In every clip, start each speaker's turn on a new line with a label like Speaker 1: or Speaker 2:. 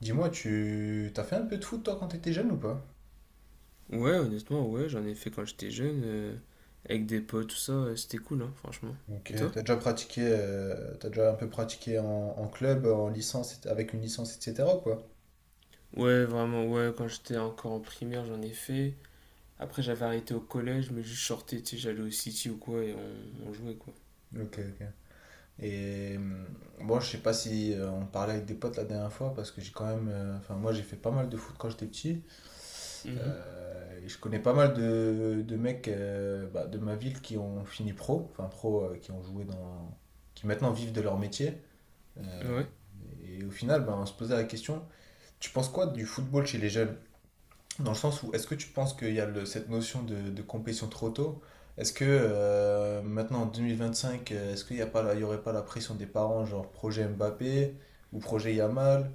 Speaker 1: Dis-moi, tu t'as fait un peu de foot toi quand t'étais jeune ou pas?
Speaker 2: Ouais, honnêtement, ouais, j'en ai fait quand j'étais jeune, avec des potes, tout ça, c'était cool, hein, franchement.
Speaker 1: Ok,
Speaker 2: Et toi?
Speaker 1: t'as déjà pratiqué, t'as déjà un peu pratiqué en, en club, en licence, avec une licence, etc. quoi.
Speaker 2: Ouais, vraiment, ouais, quand j'étais encore en primaire, j'en ai fait. Après, j'avais arrêté au collège, mais juste sortais, tu sais, j'allais au City ou quoi, et on jouait, quoi.
Speaker 1: Ok, ok. Et moi, je sais pas si on parlait avec des potes la dernière fois parce que j'ai quand même, enfin moi j'ai fait pas mal de foot quand j'étais petit.
Speaker 2: Mhm.
Speaker 1: Et je connais pas mal de mecs bah, de ma ville qui ont fini pro, enfin pro, qui ont joué dans, qui maintenant vivent de leur métier. Euh,
Speaker 2: Ouais.
Speaker 1: et au final, ben, on se posait la question. Tu penses quoi du football chez les jeunes? Dans le sens où est-ce que tu penses qu'il y a cette notion de compétition trop tôt? Est-ce que maintenant en 2025, est-ce qu'il n'y a pas, il y aurait pas la pression des parents, genre projet Mbappé ou projet Yamal,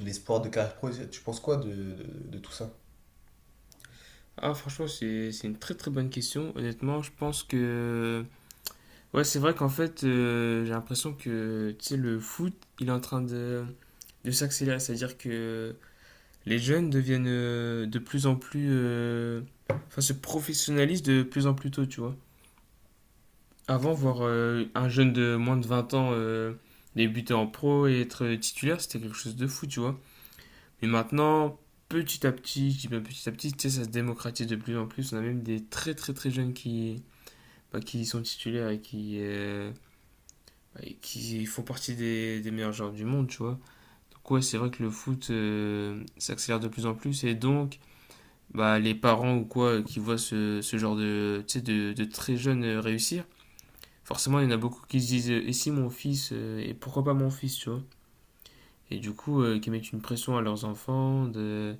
Speaker 1: l'espoir de carrière pro? Tu penses quoi de, de tout ça?
Speaker 2: Ah, franchement, c'est une très très bonne question. Honnêtement, je pense que. Ouais, c'est vrai qu'en fait, j'ai l'impression que, tu sais, le foot, il est en train de s'accélérer. C'est-à-dire que les jeunes deviennent de plus en plus. Enfin, se professionnalisent de plus en plus tôt, tu vois. Avant, voir un jeune de moins de 20 ans débuter en pro et être titulaire, c'était quelque chose de fou, tu vois. Mais maintenant, petit à petit, je dis bien petit à petit, tu sais, ça se démocratise de plus en plus. On a même des très très très jeunes qui, bah, qui sont titulaires et qui, bah, et qui font partie des meilleurs joueurs du monde, tu vois. Donc, ouais, c'est vrai que le foot s'accélère de plus en plus et donc. Bah, les parents ou quoi qui voient ce genre de, tu sais, de très jeunes réussir, forcément, il y en a beaucoup qui se disent Et pourquoi pas mon fils, tu vois. Et du coup, qui mettent une pression à leurs enfants, de,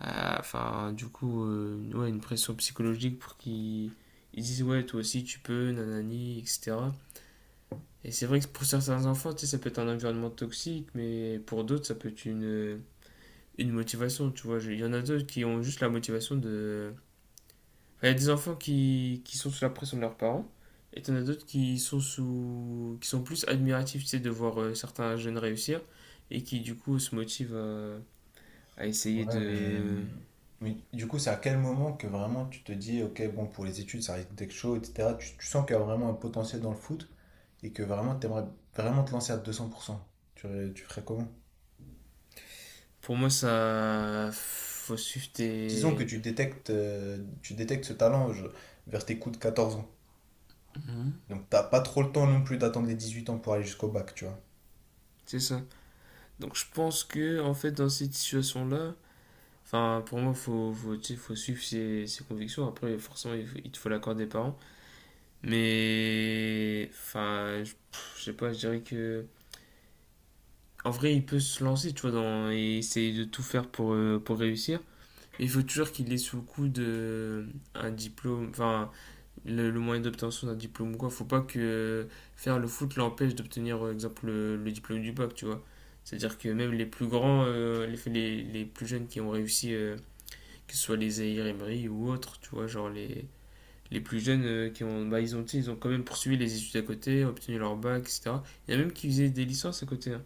Speaker 2: à- enfin, du coup, ouais, une pression psychologique pour qu'ils ils disent Ouais, toi aussi, tu peux, nanani, etc. Et c'est vrai que pour certains enfants, tu sais, ça peut être un environnement toxique, mais pour d'autres, ça peut être une motivation, tu vois. Il y en a d'autres qui ont juste la motivation de. Il y a des enfants qui sont sous la pression de leurs parents, et t'en as d'autres qui sont plus admiratifs, tu sais, de voir certains jeunes réussir, et qui du coup se motivent à essayer
Speaker 1: Ouais,
Speaker 2: de.
Speaker 1: mais du coup, c'est à quel moment que vraiment tu te dis, ok, bon, pour les études, ça risque d'être chaud, etc. Tu sens qu'il y a vraiment un potentiel dans le foot et que vraiment, tu aimerais vraiment te lancer à 200%. Tu, tu ferais comment?
Speaker 2: Pour moi, ça, faut suivre
Speaker 1: Disons que
Speaker 2: tes,
Speaker 1: tu détectes ce talent vers tes coups de 14 ans. Donc t'as pas trop le temps non plus d'attendre les 18 ans pour aller jusqu'au bac, tu vois.
Speaker 2: c'est ça. Donc je pense que en fait dans cette situation-là, enfin pour moi faut tu sais, faut suivre ses convictions. Après forcément il te faut l'accord des parents, mais enfin je pff, je sais pas, je dirais que. En vrai, il peut se lancer, tu vois, et essayer de tout faire pour réussir. Il faut toujours qu'il ait sous le coup de un diplôme, enfin, le moyen d'obtention d'un diplôme ou quoi. Faut pas que faire le foot l'empêche d'obtenir, par exemple, le diplôme du bac, tu vois. C'est-à-dire que même les plus grands, les plus jeunes qui ont réussi, que ce soit les Zahir Emery ou autres, tu vois, genre les plus jeunes qui ont, bah, ils ont quand même poursuivi les études à côté, obtenu leur bac, etc. Il y en a même qui faisaient des licences à côté, hein.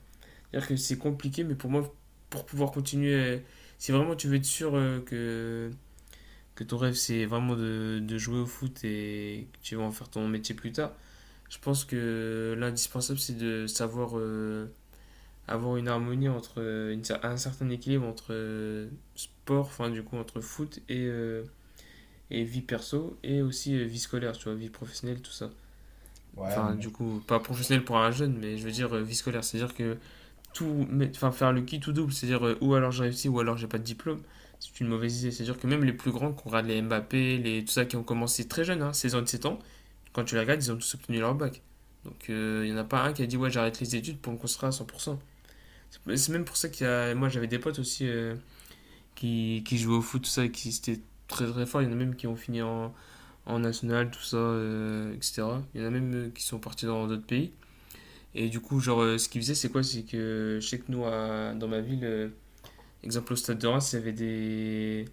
Speaker 2: C'est-à-dire que c'est compliqué, mais pour moi, pour pouvoir continuer, si vraiment tu veux être sûr que ton rêve c'est vraiment de jouer au foot et que tu vas en faire ton métier plus tard, je pense que l'indispensable c'est de savoir avoir une harmonie entre un certain équilibre entre sport, enfin du coup entre foot et vie perso et aussi vie scolaire, tu vois, vie professionnelle, tout ça.
Speaker 1: Ouais,
Speaker 2: Enfin,
Speaker 1: mais
Speaker 2: du coup, pas professionnelle pour un jeune, mais je veux dire vie scolaire, c'est-à-dire que tout, enfin, faire le qui tout double, c'est-à-dire ou alors j'ai réussi ou alors j'ai pas de diplôme, c'est une mauvaise idée. C'est-à-dire que même les plus grands, qu'on regarde les Mbappé, les, tout ça, qui ont commencé très jeunes, hein, 16 ans, 17 ans, quand tu les regardes, ils ont tous obtenu leur bac. Donc il y en a pas un qui a dit ouais j'arrête les études pour me construire à 100%. C'est même pour ça qu'il y a, moi j'avais des potes aussi qui jouaient au foot, tout ça, et qui étaient très très forts. Il y en a même qui ont fini en national, tout ça, etc. Il y en a même qui sont partis dans d'autres pays. Et du coup, genre, ce qu'ils faisaient, c'est quoi? C'est que je sais que nous, dans ma ville, exemple, au Stade de Reims, il y avait des,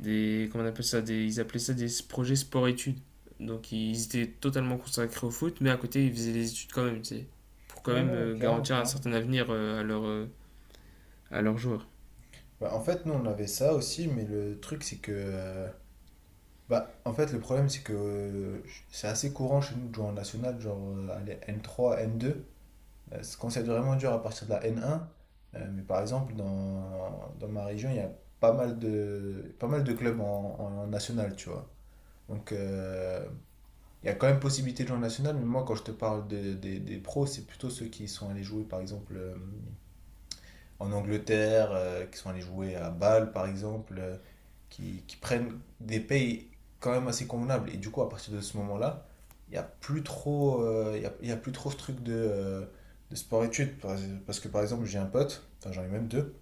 Speaker 2: des comment on appelle ça, ils appelaient ça des projets sport-études. Donc ils étaient totalement consacrés au foot, mais à côté ils faisaient des études quand même, tu sais, pour
Speaker 1: bon.
Speaker 2: quand
Speaker 1: Ouais,
Speaker 2: même
Speaker 1: non, ouais, clairement,
Speaker 2: garantir un
Speaker 1: clairement.
Speaker 2: certain avenir à leurs joueurs.
Speaker 1: Bah, en fait, nous, on avait ça aussi, mais le truc, c'est que... bah, en fait, le problème, c'est que c'est assez courant chez nous de jouer en national, genre allez, n trois n deux. Quand c'est vraiment dur à partir de la n un. Mais par exemple, dans, dans ma région, il y a pas mal de, pas mal de clubs en, en national, tu vois. Donc, il y a quand même possibilité de jouer en national, mais moi, quand je te parle des pros, c'est plutôt ceux qui sont allés jouer, par exemple, en Angleterre, qui sont allés jouer à Bâle, par exemple, qui prennent des payes quand même assez convenables. Et du coup, à partir de ce moment-là, il n'y a plus trop, il y a plus trop ce truc de sport-études. Parce que, par exemple, j'ai un pote, enfin, j'en ai même deux,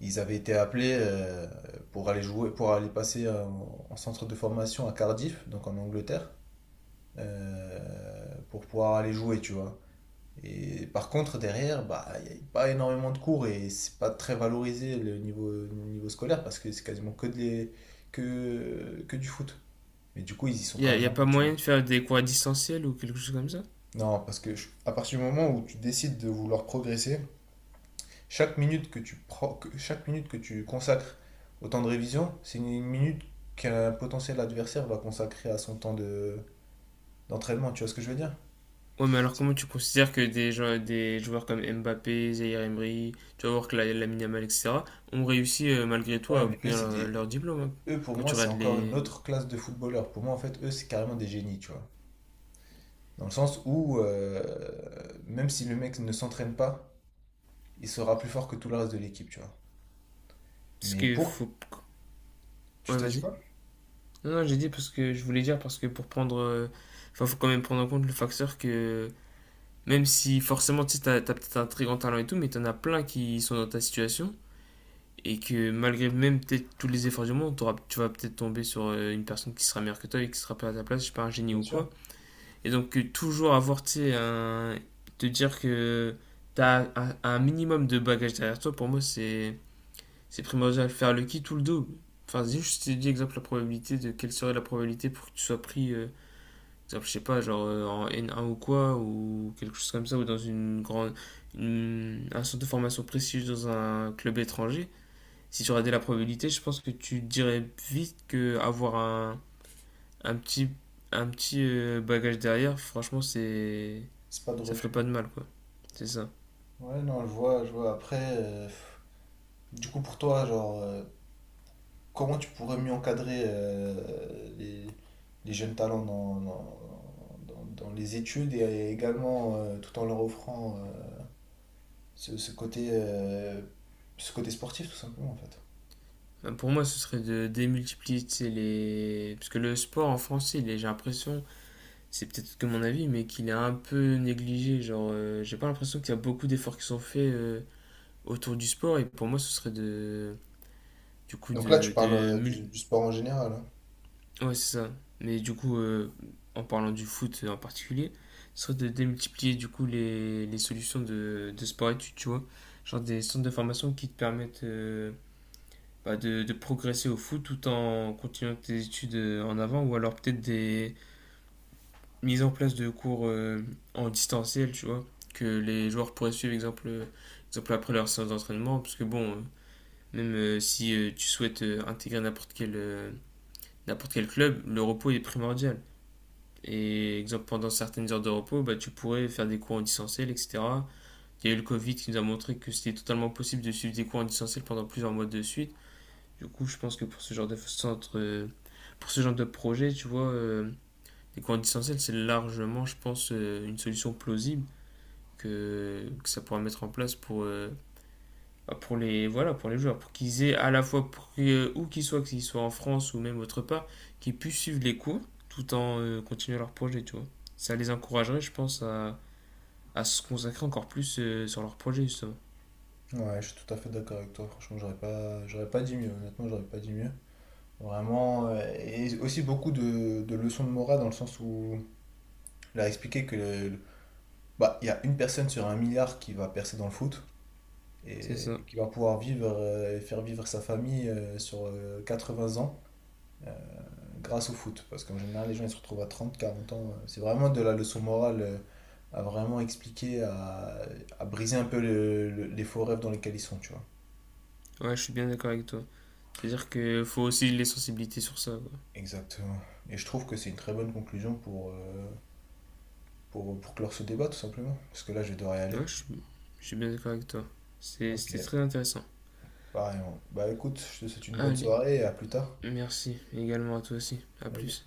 Speaker 1: ils avaient été appelés pour aller jouer, pour aller passer en centre de formation à Cardiff, donc en Angleterre, pour pouvoir aller jouer, tu vois. Et par contre, derrière, bah, il n'y a pas énormément de cours et c'est pas très valorisé le niveau scolaire parce que c'est quasiment que, que du foot. Mais du coup, ils y sont quand
Speaker 2: Y
Speaker 1: même
Speaker 2: a pas
Speaker 1: allés, tu vois.
Speaker 2: moyen de faire des cours à distanciel ou quelque chose comme ça.
Speaker 1: Non, parce que à partir du moment où tu décides de vouloir progresser, chaque minute que tu chaque minute que tu consacres au temps de révision, c'est une minute qu'un potentiel adversaire va consacrer à son temps de, d'entraînement, tu vois ce que je veux dire?
Speaker 2: Ouais, mais alors comment tu considères que des joueurs comme Mbappé, Zaire Emery, tu vas voir que la Minamal, etc., ont réussi malgré tout
Speaker 1: Ouais,
Speaker 2: à
Speaker 1: mais eux,
Speaker 2: obtenir
Speaker 1: c'est
Speaker 2: leur,
Speaker 1: des.
Speaker 2: leur diplôme, hein,
Speaker 1: Eux, pour
Speaker 2: quand
Speaker 1: moi,
Speaker 2: tu
Speaker 1: c'est
Speaker 2: regardes
Speaker 1: encore une
Speaker 2: les.
Speaker 1: autre classe de footballeurs. Pour moi, en fait, eux, c'est carrément des génies, tu vois. Dans le sens où, même si le mec ne s'entraîne pas, il sera plus fort que tout le reste de l'équipe, tu vois.
Speaker 2: Parce
Speaker 1: Mais
Speaker 2: qu'il
Speaker 1: pour.
Speaker 2: faut.
Speaker 1: Tu
Speaker 2: Ouais,
Speaker 1: t'as dit
Speaker 2: vas-y.
Speaker 1: quoi?
Speaker 2: Non, non, j'ai dit parce que je voulais dire parce que pour prendre. Enfin, faut quand même prendre en compte le facteur que. Même si forcément, tu sais, t'as peut-être un très grand talent et tout, mais t'en as plein qui sont dans ta situation. Et que malgré même peut-être tous les efforts du monde, tu vas peut-être tomber sur une personne qui sera meilleure que toi et qui sera pas à ta place, je sais pas, un génie
Speaker 1: Bien
Speaker 2: ou
Speaker 1: sûr.
Speaker 2: quoi. Et donc, toujours avoir, tu sais, un. Te dire que t'as un minimum de bagages derrière toi, pour moi, c'est primordial. Faire le qui tout le dos. Enfin, juste, je t'ai dit exemple la probabilité de quelle serait la probabilité pour que tu sois pris. Exemple, je sais pas, en N1 ou quoi, ou quelque chose comme ça, ou dans un centre de formation prestigieux dans un club étranger, si tu regardais la probabilité, je pense que tu dirais vite que avoir un petit, un petit bagage derrière, franchement,
Speaker 1: C'est pas de
Speaker 2: ça ferait
Speaker 1: refus.
Speaker 2: pas de mal, quoi. C'est ça.
Speaker 1: Ouais, non, je vois, je vois. Après, du coup, pour toi, genre, comment tu pourrais mieux encadrer les jeunes talents dans, dans, dans les études et également tout en leur offrant. Ce, ce côté sportif, tout simplement, en fait.
Speaker 2: Ben, pour moi, ce serait de démultiplier, tu sais, les. Parce que le sport en français, j'ai l'impression, c'est peut-être que mon avis, mais qu'il est un peu négligé. Genre, j'ai pas l'impression qu'il y a beaucoup d'efforts qui sont faits. Autour du sport et pour moi ce serait de du coup
Speaker 1: Donc là, tu parles du sport en général. Hein.
Speaker 2: ouais c'est ça, mais du coup en parlant du foot en particulier ce serait de démultiplier du coup les solutions de sport études, tu vois, genre des centres de formation qui te permettent bah, de progresser au foot tout en continuant tes études en avant ou alors peut-être des mises en place de cours en distanciel, tu vois, que les joueurs pourraient suivre exemple après leur séance d'entraînement parce que bon même si tu souhaites intégrer n'importe quel club, le repos est primordial. Et exemple, pendant certaines heures de repos, bah, tu pourrais faire des cours en distanciel, etc. Il y a eu le Covid qui nous a montré que c'était totalement possible de suivre des cours en distanciel pendant plusieurs mois de suite. Du coup, je pense que pour ce genre de centre, pour ce genre de projet, tu vois, les cours en distanciel, c'est largement, je pense, une solution plausible que ça pourra mettre en place bah, pour les voilà pour les joueurs pour qu'ils aient à la fois où qu'ils soient en France ou même autre part qu'ils puissent suivre les cours tout en continuant leur projet, tu vois, ça les encouragerait je pense à se consacrer encore plus sur leur projet justement.
Speaker 1: Ouais, je suis tout à fait d'accord avec toi. Franchement, j'aurais pas dit mieux. Honnêtement, j'aurais pas dit mieux. Vraiment, et aussi beaucoup de leçons de morale dans le sens où il a expliqué que bah, il y a une personne sur un milliard qui va percer dans le foot
Speaker 2: C'est ça.
Speaker 1: et qui va pouvoir vivre et faire vivre sa famille sur 20 ans. euh, grâce au foot. Parce qu'en général, les gens ils se retrouvent à 30 40 ans. C'est vraiment de la leçon morale à vraiment expliquer, à briser un peu les faux rêves dans lesquels ils sont, tu vois.
Speaker 2: Ouais, je suis bien d'accord avec toi. C'est à dire que faut aussi les sensibiliser sur ça, quoi.
Speaker 1: Exactement. Et je trouve que c'est une très bonne conclusion pour clore ce débat, tout simplement. Parce que là, je vais devoir y aller.
Speaker 2: ouais je suis, je suis bien d'accord avec toi.
Speaker 1: Ok.
Speaker 2: C'était très intéressant.
Speaker 1: Pareil. Bah écoute, je te souhaite une bonne
Speaker 2: Allez,
Speaker 1: soirée et à plus tard.
Speaker 2: merci également à toi, aussi à
Speaker 1: Salut.
Speaker 2: plus.